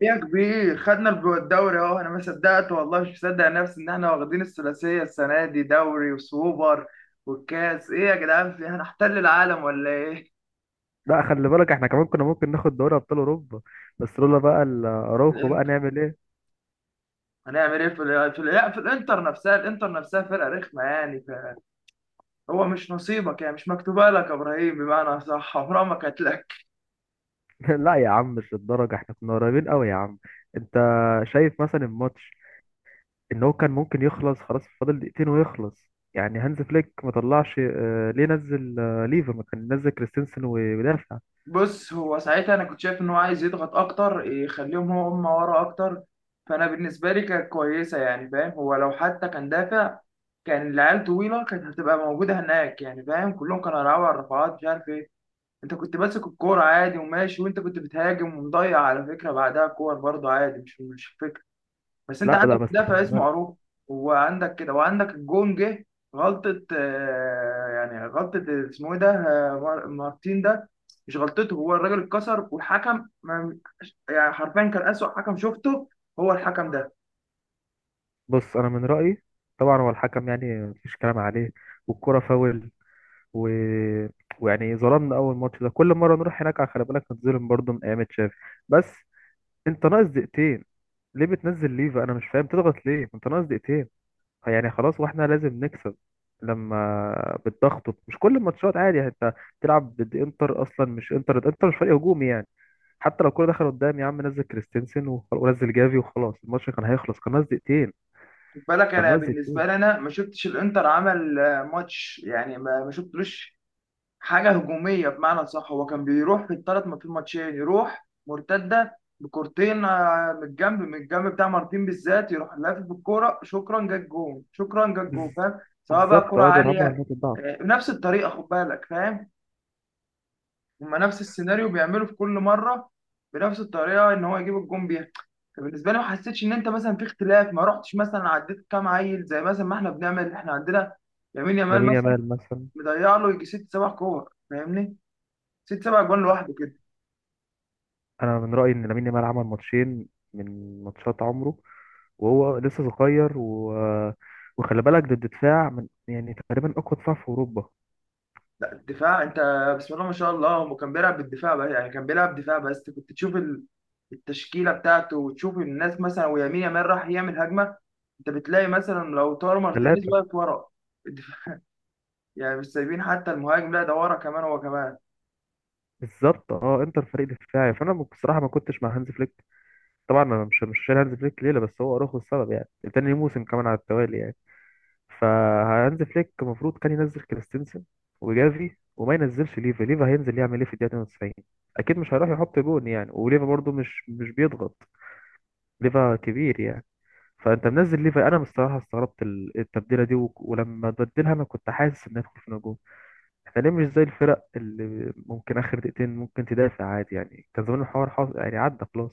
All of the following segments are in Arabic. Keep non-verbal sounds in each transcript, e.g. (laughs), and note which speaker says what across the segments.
Speaker 1: يا كبير خدنا الدوري اهو. انا ما صدقت والله، مش مصدق نفسي ان احنا واخدين الثلاثيه السنه دي، دوري وسوبر والكاس. ايه يا جدعان، في هنحتل العالم ولا ايه؟
Speaker 2: لا، خلي بالك احنا كمان كنا ممكن ناخد دوري ابطال اوروبا، بس لولا بقى الاراوخو بقى
Speaker 1: الانتر،
Speaker 2: نعمل ايه.
Speaker 1: هنعمل ايه في ال- في, ال- لا، في الانتر نفسها، الانتر نفسها فرقه رخمه يعني. هو مش نصيبك يعني، مش مكتوبه لك يا ابراهيم، بمعنى صح عمرها ما كانت لك.
Speaker 2: (laughs) لا يا عم، مش للدرجه، احنا كنا قريبين قوي يا عم. انت شايف مثلا الماتش ان هو كان ممكن يخلص، خلاص فاضل دقيقتين ويخلص يعني. هانز فليك ما طلعش، ليه نزل ليفا؟ ما كان نزل كريستنسن ويدافع.
Speaker 1: بص، هو ساعتها انا كنت شايف ان هو عايز يضغط اكتر، يخليهم هو هم ورا اكتر، فانا بالنسبه لي كانت كويسه يعني. فاهم؟ هو لو حتى كان دافع كان العيال طويله كانت هتبقى موجوده هناك يعني. فاهم؟ كلهم كانوا هيلعبوا على الرفعات مش عارف ايه. انت كنت ماسك الكوره عادي وماشي، وانت كنت بتهاجم، ومضيع على فكره بعدها كور برضه عادي، مش فكره. بس انت
Speaker 2: لا لا،
Speaker 1: عندك
Speaker 2: بس خلي
Speaker 1: مدافع اسمه
Speaker 2: بالك.
Speaker 1: عروه، وعندك كده، وعندك الجون جه غلطة. يعني غلطة اسمه ايه ده، مار- مارتين ده، مش غلطته، هو الراجل اتكسر والحكم يعني حرفيا كان أسوأ حكم شفته هو الحكم ده.
Speaker 2: بص انا من رايي، طبعا هو الحكم يعني مفيش كلام عليه، والكره فاول و... ويعني ظلمنا. اول ماتش ده كل مره نروح هناك على خلي بالك نتظلم برضه من ايام تشافي. بس انت ناقص دقيقتين، ليه بتنزل ليفا؟ انا مش فاهم، تضغط ليه انت ناقص دقيقتين؟ يعني خلاص، واحنا لازم نكسب. لما بتضغط، مش كل الماتشات عادي يعني، انت بتلعب ضد انتر اصلا، مش انتر، انتر مش فريق هجومي يعني. حتى لو الكوره دخل قدام يا عم، نزل كريستنسن ونزل جافي وخلاص الماتش كان هيخلص، كان ناقص دقيقتين.
Speaker 1: خد بالك،
Speaker 2: كان
Speaker 1: انا
Speaker 2: ناقص
Speaker 1: بالنسبة
Speaker 2: دقيقتين.
Speaker 1: لي انا ما شفتش الانتر عمل ماتش يعني، ما شفتلوش حاجه هجوميه بمعنى صح. هو كان بيروح في الثلاث، في الماتشين يروح مرتده بكورتين من الجنب، من الجنب بتاع مارتين بالذات، يروح لافف بالكوره، شكرا جت جون، شكرا جت جون.
Speaker 2: بز-
Speaker 1: فاهم؟ سواء بقى
Speaker 2: بالظبط
Speaker 1: كوره
Speaker 2: اه، بيلعبوا على
Speaker 1: عاليه
Speaker 2: نقطه ضعف.
Speaker 1: بنفس الطريقه. خد بالك، فاهم؟ هما نفس السيناريو بيعملوا في كل مره، بنفس الطريقه ان هو يجيب الجون بيها. فبالنسبه لي ما حسيتش ان انت مثلا في اختلاف، ما رحتش مثلا عديت كام عيل زي مثلا ما احنا بنعمل، احنا عندنا لامين يامال
Speaker 2: لامين
Speaker 1: مثلا،
Speaker 2: يامال مثلا.
Speaker 1: مضيع له يجي ست سبع كور. فاهمني؟ ست سبع جوان لوحده كده.
Speaker 2: انا من رايي ان لامين يامال عمل ماتشين من ماتشات عمره، وهو لسه صغير وخلي بالك ضد دفاع من يعني تقريبا اقوى دفاع في اوروبا.
Speaker 1: لا الدفاع انت، بسم الله ما شاء الله، هو كان بيلعب بالدفاع بقى يعني، كان بيلعب دفاع، بس كنت تشوف التشكيله بتاعته وتشوف الناس، مثلا ويمين يامال راح يعمل هجمه انت بتلاقي مثلا لو طار مارتينيز
Speaker 2: ثلاثه.
Speaker 1: واقف ورا الدفاع. يعني مش سايبين حتى المهاجم، لا ده ورا كمان هو كمان.
Speaker 2: بالظبط اه، انتر فريق دفاعي، فانا بصراحه ما كنتش مع هانز فليك. طبعا انا مش شايل هانز فليك ليله، بس هو اراخو السبب يعني، تاني موسم كمان على التوالي يعني. فهانز فليك المفروض كان ينزل كريستنسن وجافي، وما ينزلش ليفا. ليفا هينزل يعمل ايه في الدقيقه 92؟ اكيد مش هيروح يحط جون يعني. وليفا برضو مش بيضغط، ليفا كبير يعني. فانت منزل ليفا، انا الصراحه استغربت التبديله دي، ولما بدلها انا كنت حاسس ان هندخل في نجوم. احنا ليه مش زي الفرق اللي ممكن اخر دقيقتين ممكن تدافع عادي يعني؟ كان زمان الحوار حاصل يعني، عدى خلاص.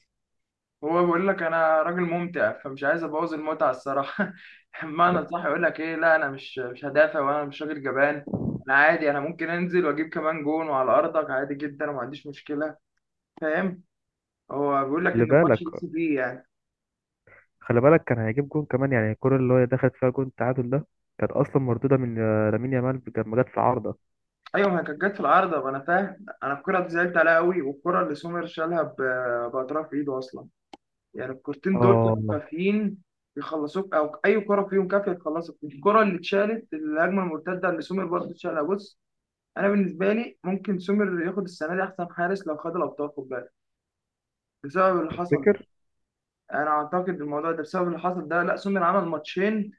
Speaker 1: هو بيقول لك انا راجل ممتع، فمش عايز ابوظ المتعه الصراحه. (laughs)
Speaker 2: لا،
Speaker 1: بمعنى صح يقول لك ايه، لا انا مش هدافع وانا مش راجل جبان. انا عادي، انا ممكن انزل واجيب كمان جون وعلى ارضك عادي جدا وما عنديش مشكله. فاهم؟ هو بيقول لك
Speaker 2: خلي
Speaker 1: ان الماتش
Speaker 2: بالك.
Speaker 1: يكسب فيه يعني.
Speaker 2: خلي بالك كان هيجيب جون كمان يعني، الكره اللي هي دخلت فيها جون التعادل ده كانت اصلا مردوده من لامين يامال لما جت في عارضه.
Speaker 1: ايوه، ما هي كانت جت في العارضه، ما انا فاهم، انا الكره دي زعلت عليها قوي، والكره اللي سومر شالها باطراف ايده اصلا، يعني الكورتين دول كانوا
Speaker 2: اه.
Speaker 1: كافيين يخلصوك، او اي كره فيهم كافيه تخلصك. الكره اللي اتشالت، الهجمه المرتده اللي سومر برضه اتشالها، بص انا بالنسبه لي ممكن سومر ياخد السنه دي احسن حارس لو خد الابطال، خد بالك، بسبب اللي حصل ده.
Speaker 2: تفتكر؟
Speaker 1: انا اعتقد الموضوع ده بسبب اللي حصل ده. لا سومر عمل ماتشين،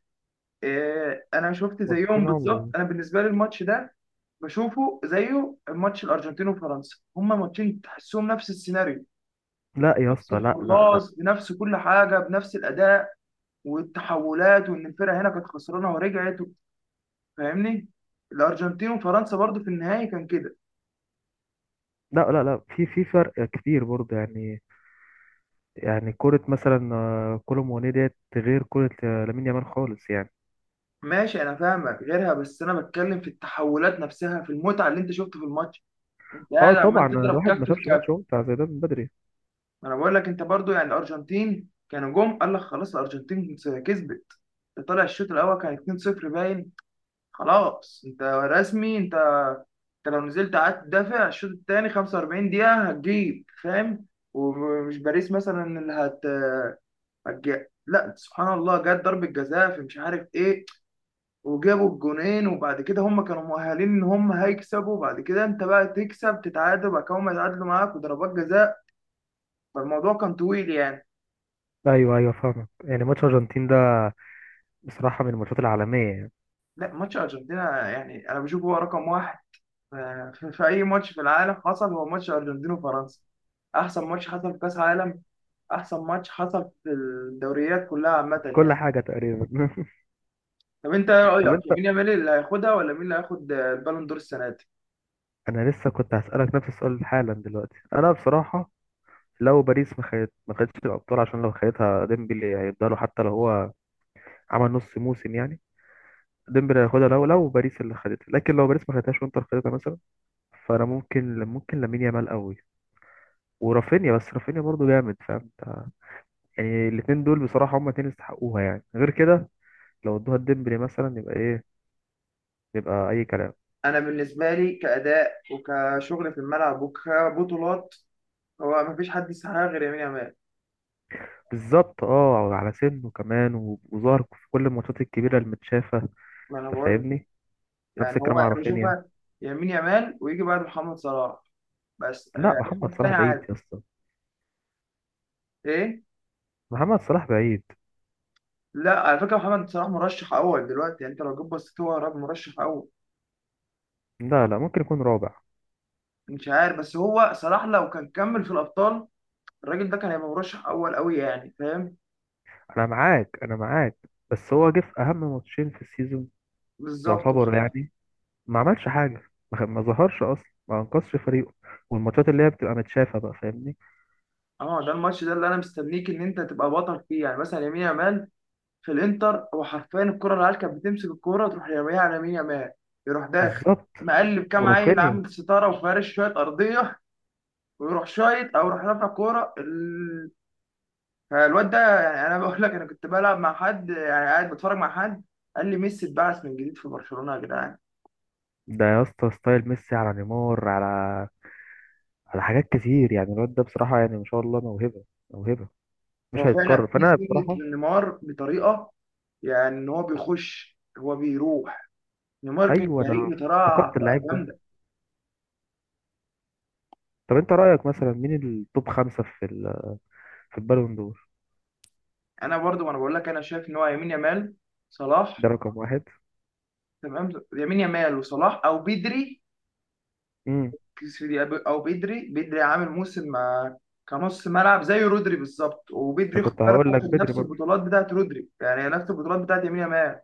Speaker 1: انا شفت
Speaker 2: ماتشين
Speaker 1: زيهم بالظبط.
Speaker 2: عمره.
Speaker 1: انا بالنسبه لي الماتش ده بشوفه زيه ماتش الارجنتين وفرنسا، هما ماتشين تحسهم نفس السيناريو،
Speaker 2: لا يا
Speaker 1: نفس
Speaker 2: اسطى، لا لا لا
Speaker 1: الحراس، بنفس كل حاجه، بنفس الاداء والتحولات، وان الفرقه هنا كانت خسرانه ورجعت. فاهمني؟ الارجنتين وفرنسا برضو في النهائي كان كده.
Speaker 2: لا لا. لا، في فرق كبير برضه يعني. يعني كرة مثلا كولوم وني ديت غير كرة لامين يامال خالص يعني.
Speaker 1: ماشي انا فاهمك غيرها، بس انا بتكلم في التحولات نفسها، في المتعه اللي انت شفته في الماتش، انت
Speaker 2: اه
Speaker 1: قاعد
Speaker 2: طبعا،
Speaker 1: عمال تضرب
Speaker 2: الواحد ما
Speaker 1: كف في
Speaker 2: شافش
Speaker 1: كف.
Speaker 2: ماتش ممتع زي ده من بدري.
Speaker 1: انا بقول لك انت برضو يعني، الارجنتين كانوا جم قال لك خلاص الارجنتين كسبت، طلع الشوط الاول كان 2-0 باين خلاص، انت رسمي انت، انت لو نزلت قعدت تدافع الشوط الثاني 45 دقيقة هتجيب. فاهم؟ ومش باريس مثلا اللي لا سبحان الله، جت ضربة جزاء في مش عارف ايه، وجابوا الجونين، وبعد كده هم كانوا مؤهلين ان هم هيكسبوا، وبعد كده انت بقى تكسب تتعادل، وبعد كده هم يتعادلوا معاك وضربات جزاء. فالموضوع كان طويل يعني.
Speaker 2: ايوه ايوه، فاهمك. يعني ماتش الارجنتين ده بصراحه من الماتشات العالميه يعني،
Speaker 1: لا ماتش ارجنتينا يعني انا بشوفه هو رقم واحد في اي ماتش في العالم حصل، هو ماتش ارجنتين وفرنسا احسن ماتش حصل في كاس عالم، احسن ماتش حصل في الدوريات كلها عامه
Speaker 2: في كل
Speaker 1: يعني.
Speaker 2: حاجه تقريبا. (laughs)
Speaker 1: طب انت ايه
Speaker 2: طب
Speaker 1: رايك،
Speaker 2: انت
Speaker 1: مين يامال اللي هياخدها ولا مين اللي هياخد البالون دور السنه دي؟
Speaker 2: انا لسه كنت هسألك نفس السؤال حالا دلوقتي. انا بصراحة لو باريس ما خدت، ما خدتش الابطال، عشان لو خدتها ديمبلي هيفضلوا حتى لو هو عمل نص موسم يعني. ديمبلي هياخدها لو باريس اللي خدتها. لكن لو باريس ما خدتهاش وانتر خدتها مثلا، فانا ممكن لامين يامال قوي ورافينيا. بس رافينيا برضه جامد، فاهم انت. يعني الاتنين دول بصراحة هما اتنين يستحقوها يعني، غير كده لو ادوها لديمبلي مثلا يبقى ايه؟ يبقى اي كلام.
Speaker 1: انا بالنسبه لي كاداء وكشغل في الملعب وكبطولات، هو مفيش حد يستحقها غير يمين يامال.
Speaker 2: بالظبط اه، على سنه كمان، وظهر في كل الماتشات الكبيرة المتشافة.
Speaker 1: ما انا
Speaker 2: انت
Speaker 1: بقول لك.
Speaker 2: فاهمني. نفس
Speaker 1: يعني هو
Speaker 2: الكلام على
Speaker 1: انا
Speaker 2: رافينيا.
Speaker 1: بشوفها يمين يامال ويجي بعد محمد صلاح، بس
Speaker 2: لا،
Speaker 1: اي
Speaker 2: محمد
Speaker 1: حد
Speaker 2: صلاح
Speaker 1: تاني
Speaker 2: بعيد
Speaker 1: عادي.
Speaker 2: يا اسطى.
Speaker 1: ايه،
Speaker 2: محمد صلاح بعيد.
Speaker 1: لا على فكره محمد صلاح مرشح اول دلوقتي يعني، انت لو جيت بصيت هو راجل مرشح اول.
Speaker 2: لا لا، ممكن يكون رابع.
Speaker 1: مش عارف، بس هو صلاح لو كان كمل في الابطال الراجل ده كان هيبقى مرشح اول قوي يعني. فاهم؟
Speaker 2: انا معاك انا معاك، بس هو جه في اهم ماتشين في السيزون
Speaker 1: بالظبط
Speaker 2: يعتبر
Speaker 1: كده.
Speaker 2: يعني، ما عملش حاجة. ما ظهرش اصلا، ما انقذش فريقه. والماتشات اللي هي بتبقى متشافة بقى، فاهمني.
Speaker 1: اه ده الماتش ده اللي انا مستنيك ان انت تبقى بطل فيه، يعني مثلا يمين يامال في الانتر هو حرفيا الكره، العيال كانت بتمسك الكوره تروح يرميها على يمين يامال، يروح داخل،
Speaker 2: بالظبط.
Speaker 1: مقلب كام عيل،
Speaker 2: ورافينيا.
Speaker 1: عامل ستاره وفارش شويه ارضيه، ويروح شايط او يروح رافع كوره. فالواد ده يعني انا بقول لك، انا كنت بلعب مع حد، يعني قاعد بتفرج مع حد، قال لي ميسي اتبعث من جديد في برشلونه يا جدعان.
Speaker 2: ده يا اسطى ستايل ميسي، على نيمار، على على حاجات كتير يعني. الواد ده بصراحة يعني ما شاء الله موهبة. موهبة مش
Speaker 1: هو فعلا
Speaker 2: هيتكرر،
Speaker 1: في
Speaker 2: فأنا بصراحة.
Speaker 1: سنه نيمار بطريقه، يعني ان هو بيخش، هو بيروح، نيمار كان
Speaker 2: أيوه، أنا
Speaker 1: جريء
Speaker 2: افتقدت
Speaker 1: بطريقه
Speaker 2: اللعيب ده.
Speaker 1: جامده.
Speaker 2: طب أنت رأيك مثلا مين التوب خمسة في ال... في البالون دور؟
Speaker 1: انا برضو، وانا بقول لك انا شايف ان هو يمين يمال، صلاح،
Speaker 2: ده رقم واحد.
Speaker 1: تمام، يمين يمال وصلاح او بدري.
Speaker 2: امم.
Speaker 1: كسيدي- او بدري، بدري عامل موسم مع، كنص ملعب زي رودري بالظبط، وبدري
Speaker 2: أنا
Speaker 1: خد
Speaker 2: كنت
Speaker 1: بالك
Speaker 2: هقول لك
Speaker 1: واخد
Speaker 2: بدري
Speaker 1: نفس
Speaker 2: برضه.
Speaker 1: البطولات بتاعت رودري، يعني نفس البطولات بتاعت يمين يمال.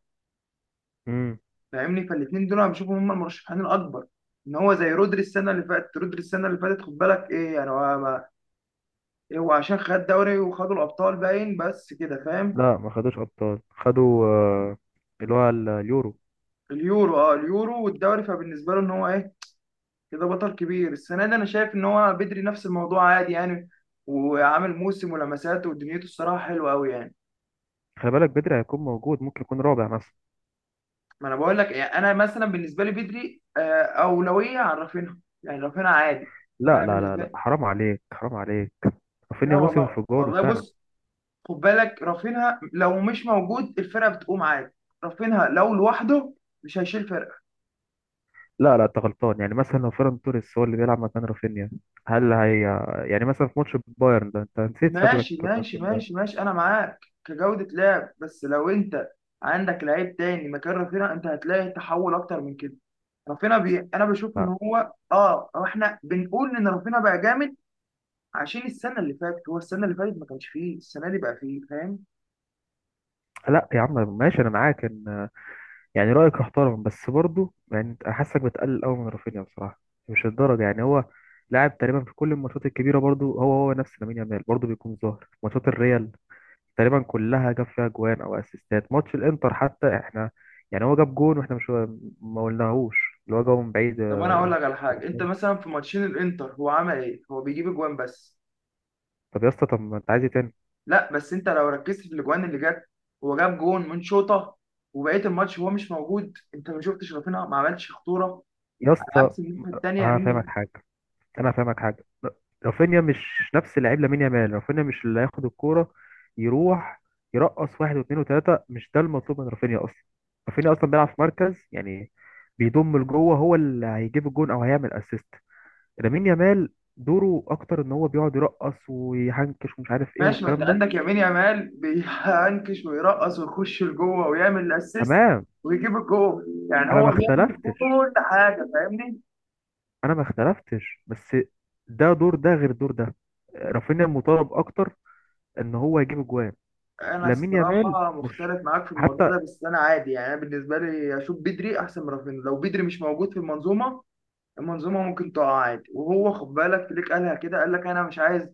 Speaker 2: امم.
Speaker 1: فاهمني؟ فالاثنين دول انا بشوفهم هم المرشحين الاكبر. ان هو زي رودري السنه اللي فاتت، رودري السنه اللي فاتت خد بالك ايه يعني، هو ما إيه، هو عشان خد دوري وخدوا الابطال باين بس كده. فاهم؟
Speaker 2: لا، ما خدوش أبطال، خدوا اللي هو اليورو.
Speaker 1: اليورو، اه اليورو والدوري، فبالنسبه له ان هو ايه، كده بطل كبير السنه دي. انا شايف ان هو بدري نفس الموضوع عادي يعني، وعامل موسم ولمساته ودنيته الصراحه حلوه قوي يعني.
Speaker 2: خلي بالك بدري هيكون موجود، ممكن يكون رابع مثلا.
Speaker 1: ما انا بقول لك يعني، انا مثلا بالنسبه لي بدري اولويه عن رافينها، يعني رافينها عادي.
Speaker 2: لا
Speaker 1: انا
Speaker 2: لا لا
Speaker 1: بالنسبه
Speaker 2: لا،
Speaker 1: لي،
Speaker 2: حرام عليك، حرام عليك.
Speaker 1: لا
Speaker 2: رافينيا موسم
Speaker 1: والله
Speaker 2: انفجاره
Speaker 1: والله،
Speaker 2: فعلا.
Speaker 1: بص خد بالك رافينها لو مش موجود الفرقه بتقوم عادي، رافينها لو لوحده مش هيشيل فرقه.
Speaker 2: لا لا، انت غلطان. يعني مثلا لو فيران توريس هو اللي بيلعب مكان رافينيا، هل هي، يعني مثلا في ماتش بايرن ده انت نسيت شكلك؟
Speaker 1: ماشي
Speaker 2: ماتش
Speaker 1: ماشي
Speaker 2: بايرن.
Speaker 1: ماشي ماشي انا معاك كجوده لعب، بس لو انت عندك لعيب تاني مكان رافينها انت هتلاقي تحول اكتر من كده. رافينها انا بشوف ان
Speaker 2: لا
Speaker 1: هو، اه هو احنا بنقول ان رافينها بقى جامد عشان السنه اللي فاتت، هو السنه اللي فاتت ما كانش فيه، السنه دي بقى فيه. فاهم؟
Speaker 2: لا يا عم، ماشي انا معاك ان، يعني رايك محترم. بس برضه يعني انت حاسك بتقلل قوي من رافينيا بصراحه، مش الدرجه يعني. هو لاعب تقريبا في كل الماتشات الكبيره برضه، هو نفس لامين يامال برضه، بيكون ظاهر في ماتشات الريال تقريبا كلها، جاب فيها جوان او اسيستات. ماتش الانتر حتى احنا يعني، هو جاب جون واحنا مش ما قلناهوش اللي هو جابه من بعيد.
Speaker 1: طب انا اقول لك على حاجه، انت مثلا في ماتشين الانتر هو عمل ايه، هو بيجيب اجوان بس.
Speaker 2: طب يا اسطى، طب ما انت عايز إيه تاني؟
Speaker 1: لا بس انت لو ركزت في الاجوان اللي جت هو جاب جون من شوطه، وبقيه الماتش هو مش موجود، انت ما شفتش رافينيا ما عملش خطوره،
Speaker 2: يا
Speaker 1: على
Speaker 2: اسطى
Speaker 1: عكس الناحيه الثانيه يمين يامال.
Speaker 2: هفهمك حاجه، انا هفهمك حاجه. رافينيا مش نفس لعيب لامين يامال. رافينيا مش اللي هياخد الكوره يروح يرقص واحد واثنين وثلاثه، مش ده المطلوب من رافينيا اصلا. رافينيا اصلا بيلعب في مركز يعني، بيضم لجوه، هو اللي هيجيب الجون او هيعمل اسيست. لامين يامال دوره اكتر ان هو بيقعد يرقص ويحنكش ومش عارف ايه
Speaker 1: ماشي، ما انت
Speaker 2: والكلام ده.
Speaker 1: عندك يمين يامال بينكش ويرقص ويخش لجوه ويعمل الاسيست
Speaker 2: تمام.
Speaker 1: ويجيب الجول، يعني
Speaker 2: انا ما
Speaker 1: هو بيعمل
Speaker 2: اختلفتش،
Speaker 1: كل حاجه. فاهمني؟
Speaker 2: انا ما اختلفتش، بس ده دور ده غير دور ده. رافينيا المطالب اكتر ان هو يجيب اجوان.
Speaker 1: انا
Speaker 2: لامين يامال
Speaker 1: الصراحه
Speaker 2: مش
Speaker 1: مختلف معاك في الموضوع
Speaker 2: حتى.
Speaker 1: ده، بس انا عادي يعني، انا بالنسبه لي اشوف بدري احسن من رافينيا. لو بدري مش موجود في المنظومه، المنظومه ممكن تقع عادي. وهو خد بالك فليك قالها كده، قال لك انا مش عايز،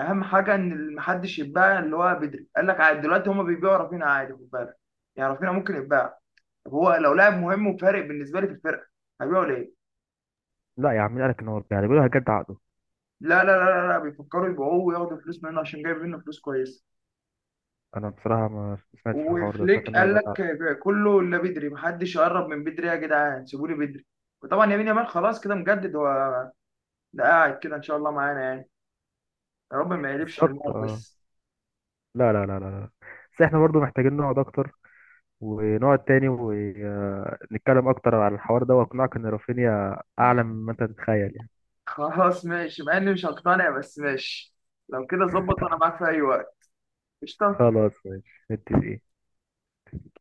Speaker 1: اهم حاجه ان محدش يتباع اللي هو بدري، قال لك عادي دلوقتي هما بيبيعوا رافينيا عادي، خد بالك يعني رافينيا ممكن يتباع. طب هو لو لاعب مهم وفارق بالنسبه لي في الفرقه هيبيعوا ليه؟
Speaker 2: لا يا عم، مين قالك ان هو بتاع ده؟ بيقولوا هيجدد عقده.
Speaker 1: لا بيفكروا يبيعوه وياخدوا فلوس منه عشان جايب منه فلوس كويسه.
Speaker 2: انا بصراحه ما سمعتش الحوار ده، سمعت
Speaker 1: وفليك
Speaker 2: ان هو
Speaker 1: قال
Speaker 2: هيجدد عقده.
Speaker 1: لك كله الا بدري، محدش يقرب من بدري يا جدعان، سيبوا لي بدري. وطبعا يمين يامال خلاص كده مجدد هو، ده قاعد كده ان شاء الله معانا يعني. يا رب ما يقلبش
Speaker 2: بالظبط
Speaker 1: نيمار
Speaker 2: اه.
Speaker 1: بس.
Speaker 2: لا لا لا لا لا، بس احنا برضو محتاجين نقعد اكتر، ونقعد تاني ونتكلم اكتر على الحوار ده واقنعك ان رافينيا اعلى مما انت تتخيل يعني.
Speaker 1: خلاص ماشي، مع اني مش هقتنع بس ماشي، لو كده ظبط وانا معاك في اي وقت. قشطة.
Speaker 2: خلاص ماشي، متفقين.